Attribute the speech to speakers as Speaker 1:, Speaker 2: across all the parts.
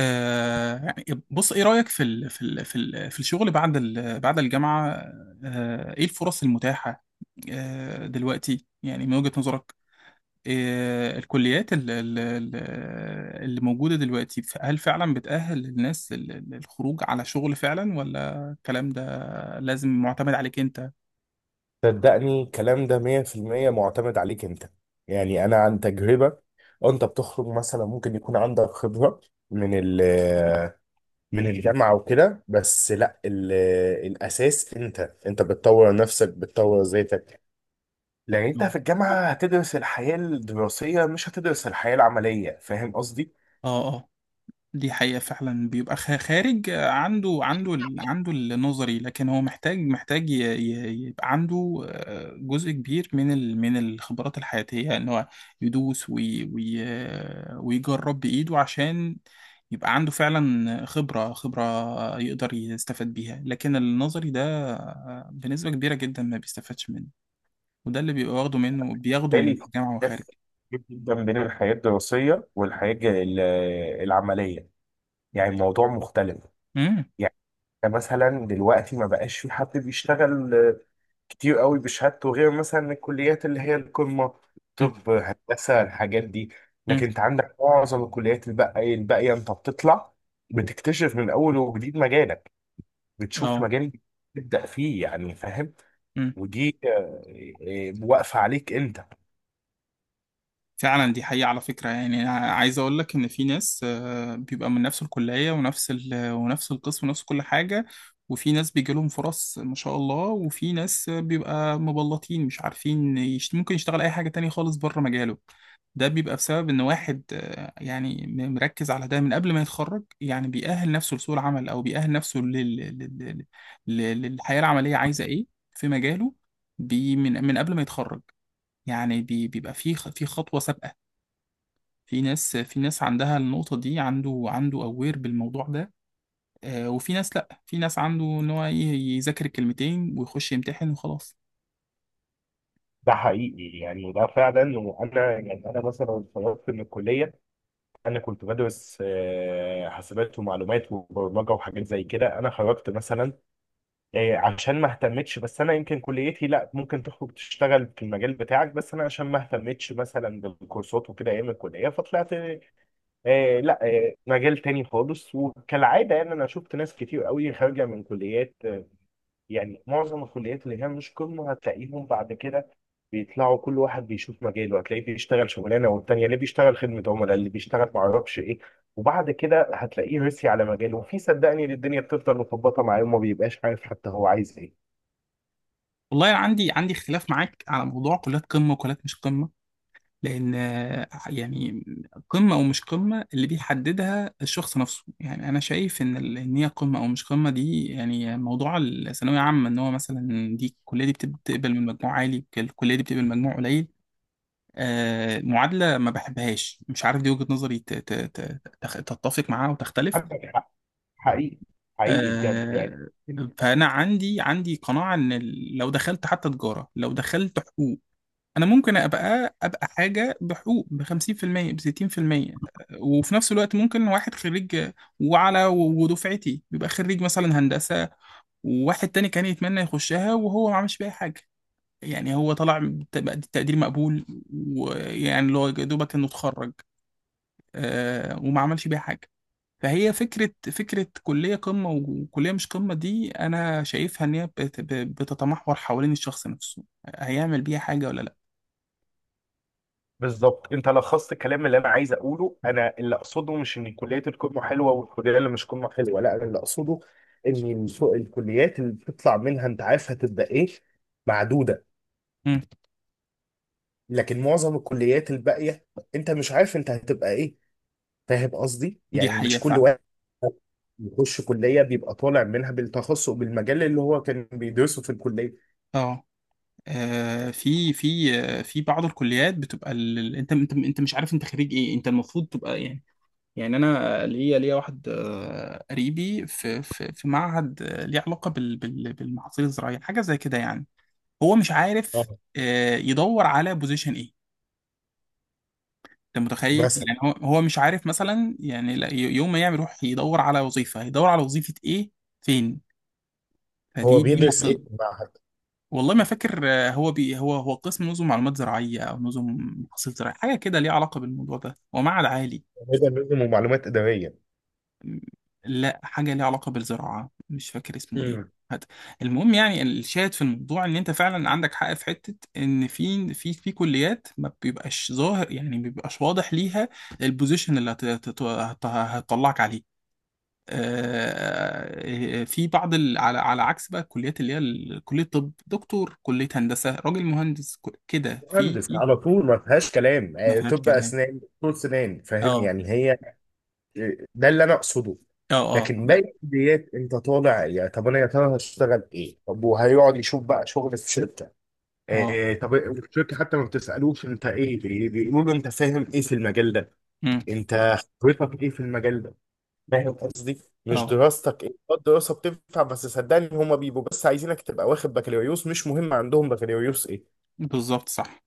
Speaker 1: آه يعني بص، ايه رأيك في الشغل بعد ال بعد الجامعة؟ آه، ايه الفرص المتاحة؟ آه، دلوقتي يعني من وجهة نظرك؟ آه، الكليات اللي موجودة دلوقتي، هل فعلا بتأهل الناس للخروج على شغل فعلا، ولا الكلام ده لازم معتمد عليك انت؟
Speaker 2: صدقني الكلام ده 100% معتمد عليك انت. يعني انا عن تجربة، انت بتخرج مثلا ممكن يكون عندك خبرة من ال من الجامعة وكده، بس لا الاساس انت بتطور نفسك، بتطور ذاتك، لان انت في الجامعة هتدرس الحياة الدراسية، مش هتدرس الحياة العملية. فاهم قصدي؟
Speaker 1: اه، اه. دي حقيقة فعلا، بيبقى خارج عنده النظري، لكن هو محتاج يبقى عنده جزء كبير من الخبرات الحياتية، يعني ان هو يدوس وي وي ويجرب بإيده عشان يبقى عنده فعلا خبرة يقدر يستفاد بيها. لكن النظري ده بنسبة كبيرة جدا ما بيستفادش منه، وده اللي بيبقى واخده منه، بياخده من
Speaker 2: بالتالي في
Speaker 1: الجامعة وخارج.
Speaker 2: اختلاف كبير جدا بين الحياة الدراسية والحياة العملية. يعني الموضوع مختلف.
Speaker 1: امم
Speaker 2: يعني مثلا دلوقتي ما بقاش في حد بيشتغل كتير قوي بشهادته، غير مثلا الكليات اللي هي القمة،
Speaker 1: امم
Speaker 2: طب، هندسة، الحاجات دي.
Speaker 1: امم،
Speaker 2: لكن انت عندك معظم الكليات الباقية، انت بتطلع بتكتشف من اول وجديد مجالك، بتشوف
Speaker 1: اه.
Speaker 2: مجال جديد تبدأ فيه. يعني فاهم؟
Speaker 1: امم.
Speaker 2: ودي واقفة عليك انت.
Speaker 1: فعلا دي حقيقة. على فكرة، يعني أنا عايز أقول لك إن في ناس بيبقى من نفس الكلية ونفس ال ونفس القسم ونفس كل حاجة، وفي ناس بيجي لهم فرص ما شاء الله، وفي ناس بيبقى مبلطين مش عارفين يشت، ممكن يشتغل أي حاجة تانية خالص بره مجاله. ده بيبقى بسبب إن واحد يعني مركز على ده من قبل ما يتخرج، يعني بيأهل نفسه لسوق العمل، أو بيأهل نفسه للحياة العملية عايزة إيه في مجاله، من قبل ما يتخرج، يعني بيبقى في في خطوة سابقة. في ناس عندها النقطة دي، عنده أوير بالموضوع ده، وفي ناس لأ، في ناس عنده إن هو إيه، يذاكر الكلمتين ويخش يمتحن وخلاص.
Speaker 2: ده حقيقي، يعني ده فعلا. وانا يعني انا مثلا اتخرجت من الكلية، انا كنت بدرس حاسبات ومعلومات وبرمجه وحاجات زي كده. انا خرجت مثلا عشان ما اهتمتش. بس انا يمكن كليتي لا، ممكن تخرج تشتغل في المجال بتاعك، بس انا عشان ما اهتمتش مثلا بالكورسات وكده ايام الكليه، فطلعت لا، مجال تاني خالص. وكالعاده يعني انا شفت ناس كتير قوي خارجه من كليات، يعني معظم الكليات اللي هي مش قمة هتلاقيهم بعد كده بيطلعوا، كل واحد بيشوف مجاله، هتلاقيه بيشتغل شغلانه والتانيه اللي بيشتغل خدمه عملاء، اللي بيشتغل ما اعرفش ايه. وبعد كده هتلاقيه رسي على مجاله، وفي صدقني إن الدنيا بتفضل مخبطه معاه، وما بيبقاش عارف حتى هو عايز ايه.
Speaker 1: والله أنا عندي اختلاف معاك على موضوع كليات قمة وكليات مش قمة، لأن يعني قمة أو مش قمة اللي بيحددها الشخص نفسه، يعني أنا شايف إن إن هي قمة أو مش قمة دي، يعني موضوع الثانوية عامة إن هو مثلا دي الكلية دي بتقبل من مجموع عالي، الكلية دي بتقبل مجموع قليل، معادلة ما بحبهاش، مش عارف، دي وجهة نظري تتفق معاها وتختلف.
Speaker 2: عندك حق، حقيقي، حقيقي بجد يعني.
Speaker 1: آه، فأنا عندي قناعة إن لو دخلت حتى تجارة، لو دخلت حقوق، أنا ممكن أبقى حاجة بحقوق ب 50% ب 60%، وفي نفس الوقت ممكن واحد خريج، وعلى ودفعتي بيبقى خريج مثلا هندسة، وواحد تاني كان يتمنى يخشها وهو ما عملش بيها حاجة، يعني هو طلع بتقدير مقبول، ويعني اللي هو يا دوبك انه اتخرج، وما عملش بيها حاجه. فهي فكره كليه قمه وكليه مش قمه دي، انا شايفها ان هي بتتمحور حوالين الشخص نفسه، هيعمل بيها حاجه ولا لا.
Speaker 2: بالظبط، انت لخصت الكلام اللي انا عايز اقوله. انا اللي اقصده مش ان كليات القمه حلوه والكليه اللي مش قمه حلوه، لا انا اللي اقصده ان الكليات اللي بتطلع منها انت عارف هتبقى ايه، معدوده.
Speaker 1: مم.
Speaker 2: لكن معظم الكليات الباقيه انت مش عارف انت هتبقى ايه. فاهم قصدي؟
Speaker 1: دي
Speaker 2: يعني مش
Speaker 1: حقيقه
Speaker 2: كل
Speaker 1: فعلا.
Speaker 2: واحد يخش كليه بيبقى طالع منها بالتخصص بالمجال اللي هو كان بيدرسه في الكليه.
Speaker 1: اه، في بعض الكليات بتبقى انت انت مش عارف انت خريج ايه، انت المفروض تبقى يعني، يعني انا ليا واحد قريبي في معهد ليه علاقه بالمحاصيل الزراعيه حاجه زي كده، يعني هو مش عارف
Speaker 2: اه،
Speaker 1: يدور على بوزيشن ايه. انت متخيل؟
Speaker 2: مثلا.
Speaker 1: يعني هو مش عارف مثلا، يعني يوم ما يعمل يروح يدور على وظيفه، هيدور على وظيفه ايه، فين؟
Speaker 2: هو
Speaker 1: دي
Speaker 2: بيدرس ايه
Speaker 1: معضله.
Speaker 2: في المعهد؟
Speaker 1: والله ما فاكر، آه، هو بي هو هو قسم نظم معلومات زراعيه، او نظم محاصيل زراعيه حاجه كده ليها علاقه بالموضوع ده، هو معهد عالي.
Speaker 2: هو بيدرس نظم ومعلومات اداريه.
Speaker 1: م- لا، حاجه ليها علاقه بالزراعه، مش فاكر اسمه ايه. هات. المهم، يعني الشاهد في الموضوع ان انت فعلا عندك حق في حته، ان في كليات ما بيبقاش ظاهر، يعني ما بيبقاش واضح ليها البوزيشن اللي هتطلعك عليه، في بعض ال، على على عكس بقى الكليات اللي هي كلية طب دكتور، كلية هندسة راجل مهندس، كده
Speaker 2: مهندس على طول، ما فيهاش كلام.
Speaker 1: ما فيهاش
Speaker 2: طب
Speaker 1: كلام.
Speaker 2: اسنان دكتور سنان. فاهم
Speaker 1: اه،
Speaker 2: يعني؟ هي ده اللي انا اقصده.
Speaker 1: اه، اه،
Speaker 2: لكن
Speaker 1: لا،
Speaker 2: باقي الكليات انت طالع، يا طب انا يا ترى هشتغل ايه؟ طب وهيقعد يشوف بقى شغل في شركه.
Speaker 1: اه.
Speaker 2: آه، طب الشركه حتى ما بتسالوش انت ايه، بيقولوا له انت فاهم ايه في المجال ده.
Speaker 1: امم.
Speaker 2: انت خبرتك ايه في المجال ده؟ فاهم قصدي؟ مش
Speaker 1: اه،
Speaker 2: دراستك ايه، الدراسه بتنفع، بس صدقني هما بيبقوا بس عايزينك تبقى واخد بكالوريوس، مش مهم عندهم بكالوريوس ايه.
Speaker 1: بالظبط، صح.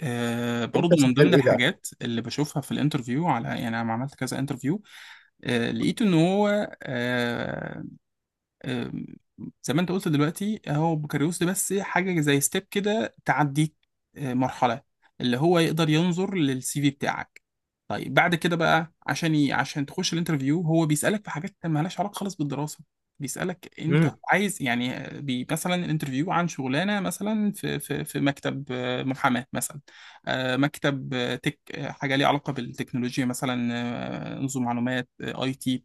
Speaker 1: آه،
Speaker 2: انت
Speaker 1: برضو من ضمن
Speaker 2: شغال ايه بقى؟
Speaker 1: الحاجات اللي بشوفها في الانترفيو، على يعني انا عملت كذا انترفيو. آه، لقيت ان هو آه، أم، زي ما انت قلت دلوقتي، هو بوكاريوس ده بس حاجة زي ستيب كده تعديك أه، مرحلة اللي هو يقدر ينظر للسي في بتاعك. طيب بعد كده بقى عشان عشان تخش الانترفيو، هو بيسألك في حاجات مالهاش علاقة خالص بالدراسة. بيسألك انت عايز، يعني مثلا الانترفيو عن شغلانة مثلا في مكتب محاماة مثلا، مكتب أه، تك أه، حاجة ليها علاقة بالتكنولوجيا مثلا، نظم معلومات اي تي.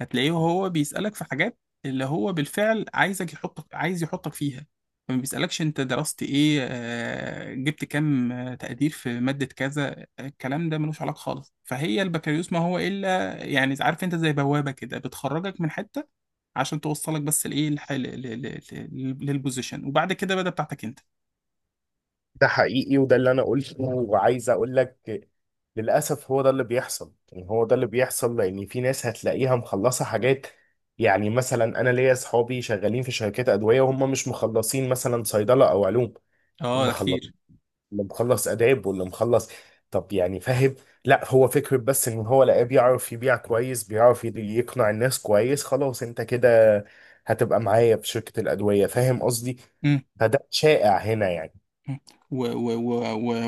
Speaker 1: هتلاقيه هو بيسألك في حاجات اللي هو بالفعل عايزك يحطك، عايز يحطك فيها، ما بيسألكش انت درست ايه، جبت كام، تقدير في مادة كذا، الكلام ده ملوش علاقة خالص. فهي البكالوريوس ما هو الا يعني، عارف، انت زي بوابة كده بتخرجك من حتة عشان توصلك بس لايه للبوزيشن، وبعد كده بدأ بتاعتك انت.
Speaker 2: ده حقيقي، وده اللي انا قلته وعايز اقول لك. للاسف هو ده اللي بيحصل. يعني هو ده اللي بيحصل لان في ناس هتلاقيها مخلصه حاجات، يعني مثلا انا ليا اصحابي شغالين في شركات ادويه وهم مش مخلصين مثلا صيدله او علوم.
Speaker 1: اه، ده
Speaker 2: مخلص،
Speaker 1: كتير.
Speaker 2: اللي مخلص اداب، واللي مخلص طب يعني، فاهم؟ لا هو فكره بس ان هو لقاه بيعرف يبيع كويس، بيعرف يقنع الناس كويس، خلاص انت كده هتبقى معايا في شركه الادويه. فاهم قصدي؟ فده شائع هنا يعني.
Speaker 1: مم. و- و- و- و-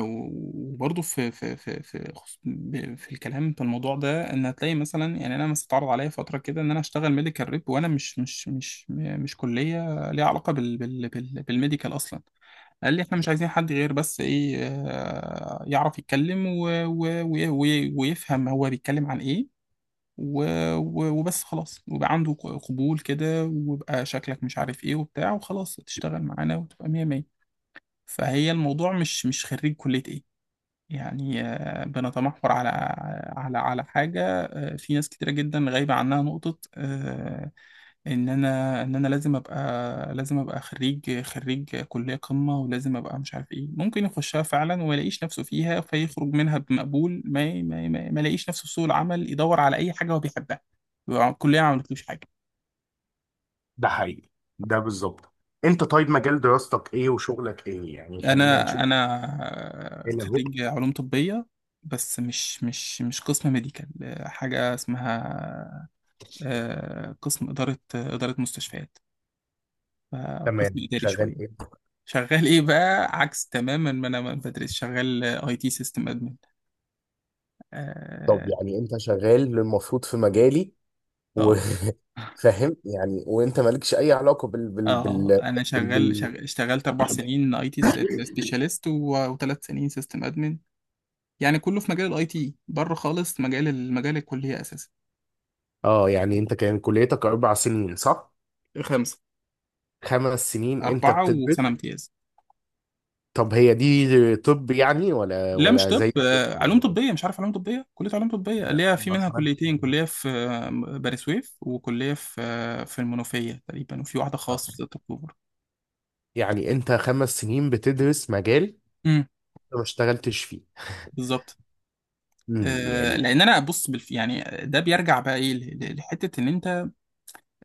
Speaker 1: وبرضه في الكلام في الموضوع ده، ان هتلاقي مثلا، يعني انا مثلا اتعرض عليا فتره كده ان انا اشتغل ميديكال ريب، وانا مش كليه ليها علاقه بالميديكال اصلا. قال لي احنا مش عايزين حد غير بس ايه، يعرف يتكلم و ويفهم هو بيتكلم عن ايه، و و وبس خلاص، ويبقى عنده قبول كده، ويبقى شكلك مش عارف ايه وبتاع، وخلاص تشتغل معانا وتبقى مية مية. فهي الموضوع مش خريج كلية ايه، يعني بنتمحور على على حاجة، في ناس كتيرة جدا غايبة عنها نقطة، ان انا لازم ابقى، لازم ابقى خريج كلية قمة، ولازم ابقى مش عارف ايه، ممكن يخشها فعلا وما يلاقيش نفسه فيها، فيخرج منها بمقبول ما يلاقيش نفسه في سوق العمل، يدور على اي حاجة هو بيحبها، يبقى الكلية ما عملتلوش حاجة.
Speaker 2: ده حقيقي، ده بالظبط. انت طيب مجال دراستك ايه وشغلك ايه؟ يعني خلينا
Speaker 1: انا
Speaker 2: نشوف. ايه اللي هو؟
Speaker 1: خريج علوم طبيه، بس مش قسم ميديكال، حاجه اسمها قسم اداره مستشفيات، قسم
Speaker 2: تمام.
Speaker 1: اداري
Speaker 2: شغال
Speaker 1: شويه.
Speaker 2: ايه؟
Speaker 1: شغال ايه بقى؟ عكس تماما ما انا ما بدرس، شغال اي تي سيستم ادمن.
Speaker 2: طب
Speaker 1: اه،
Speaker 2: يعني انت شغال المفروض في مجالي
Speaker 1: اه.
Speaker 2: وفاهم. يعني وانت مالكش اي علاقه بال بال بال,
Speaker 1: آه، انا
Speaker 2: بال,
Speaker 1: شغال,
Speaker 2: بال...
Speaker 1: شغال اشتغلت اربع سنين اي تي سبيشاليست، وثلاث سنين سيستم ادمن، يعني كله في مجال الاي تي، بره خالص مجال الكليه اساسا.
Speaker 2: اه يعني انت كان كليتك 4 سنين، صح؟
Speaker 1: خمسة.
Speaker 2: 5 سنين انت
Speaker 1: أربعة
Speaker 2: بتدرس؟
Speaker 1: وسنة امتياز.
Speaker 2: طب هي دي طب يعني؟ ولا
Speaker 1: لا، مش
Speaker 2: ولا
Speaker 1: طب،
Speaker 2: زي الطب
Speaker 1: علوم
Speaker 2: ولا ايه؟
Speaker 1: طبية، مش عارف، علوم طبية، كلية علوم طبية اللي
Speaker 2: لا،
Speaker 1: هي في
Speaker 2: ما
Speaker 1: منها
Speaker 2: اسمعش
Speaker 1: كليتين،
Speaker 2: عنه.
Speaker 1: كلية في بني سويف، وكلية في في المنوفية تقريبا، وفي واحدة
Speaker 2: آه.
Speaker 1: خاص في 6 أكتوبر.
Speaker 2: يعني انت 5 سنين بتدرس مجال
Speaker 1: امم،
Speaker 2: انت ما اشتغلتش فيه.
Speaker 1: بالظبط.
Speaker 2: امم، يعني
Speaker 1: لأن أنا بص يعني ده بيرجع بقى إيه لحتة إن أنت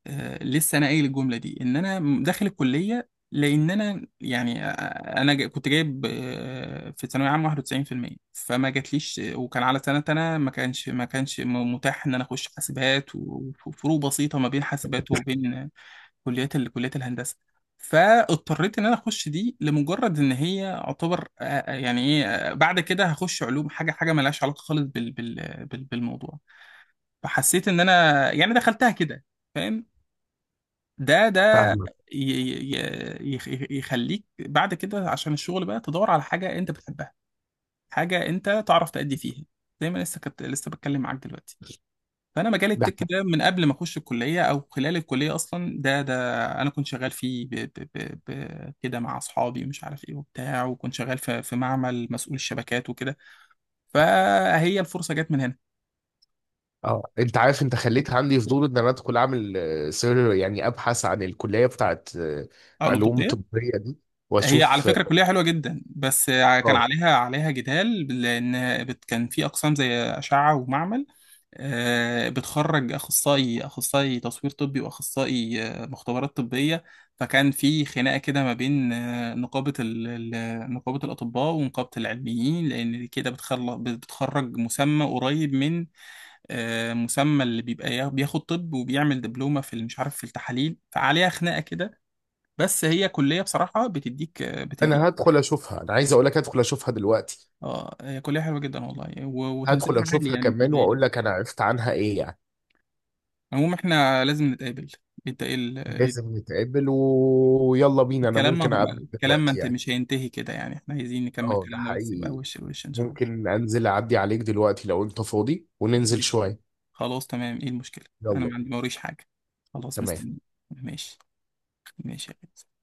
Speaker 1: لسه انا قايل الجمله دي، ان انا داخل الكليه لان انا يعني، كنت جايب في ثانويه عامه 91%، فما جاتليش وكان على سنه انا ما كانش ما كانش م- متاح ان انا اخش حاسبات، وفروق بسيطه ما بين حاسبات وبين كليات الهندسه. فاضطريت ان انا اخش دي لمجرد ان هي اعتبر آه، آه، يعني ايه آه، بعد كده هخش علوم، حاجه مالهاش علاقه خالص بالموضوع. فحسيت ان انا يعني دخلتها كده، فاهم؟ ده ده
Speaker 2: فاهمك
Speaker 1: ي- ي- يخ- يخليك بعد كده عشان الشغل بقى، تدور على حاجة انت بتحبها، حاجة انت تعرف تأدي فيها، زي ما لسه كنت لسه بتكلم معاك دلوقتي. فانا مجال
Speaker 2: ده.
Speaker 1: التك ده من قبل ما اخش الكلية، او خلال الكلية اصلا، ده ده انا كنت شغال فيه ب ب ب ب كده مع اصحابي، ومش عارف ايه وبتاع، وكنت شغال في في معمل مسؤول الشبكات وكده. فهي الفرصة جت من هنا.
Speaker 2: اه، انت عارف انت خليت عندي فضول ان انا ادخل اعمل سير، يعني ابحث عن الكليه بتاعت
Speaker 1: او
Speaker 2: علوم
Speaker 1: القبطية.
Speaker 2: طبيه دي،
Speaker 1: هي على
Speaker 2: واشوف.
Speaker 1: فكرة كلية حلوة جدا، بس كان
Speaker 2: اه،
Speaker 1: عليها جدال، لأن كان في أقسام زي أشعة ومعمل، بتخرج أخصائي تصوير طبي، وأخصائي مختبرات طبية. فكان في خناقة كده ما بين نقابة الأطباء ونقابة العلميين، لأن كده بتخلص بتخرج مسمى قريب من مسمى اللي بيبقى بياخد طب، وبيعمل دبلومة في مش عارف في التحاليل، فعليها خناقة كده. بس هي كلية بصراحة بتديك.
Speaker 2: انا هدخل اشوفها، انا عايز اقول لك هدخل اشوفها دلوقتي.
Speaker 1: اه، هي كلية حلوة جدا والله،
Speaker 2: هدخل
Speaker 1: وتنسيقنا عالي
Speaker 2: اشوفها
Speaker 1: يعني مش
Speaker 2: كمان
Speaker 1: قليل.
Speaker 2: واقول لك انا عرفت عنها ايه يعني.
Speaker 1: المهم احنا لازم نتقابل. انت إيه إيه
Speaker 2: لازم نتقابل، ويلا بينا. انا
Speaker 1: الكلام؟
Speaker 2: ممكن
Speaker 1: ما
Speaker 2: اقابلك
Speaker 1: الكلام ما
Speaker 2: دلوقتي
Speaker 1: انت
Speaker 2: يعني.
Speaker 1: مش هينتهي كده يعني، احنا عايزين نكمل
Speaker 2: اه ده
Speaker 1: كلامنا، بس يبقى
Speaker 2: حقيقي.
Speaker 1: وش لوش ان شاء الله.
Speaker 2: ممكن انزل اعدي عليك دلوقتي لو انت فاضي وننزل
Speaker 1: ماشي،
Speaker 2: شويه.
Speaker 1: خلاص، تمام، ايه المشكلة، انا
Speaker 2: يلا
Speaker 1: ما
Speaker 2: بينا.
Speaker 1: عندي موريش حاجة، خلاص
Speaker 2: تمام
Speaker 1: مستني. ماشي. ماشي يا بنت.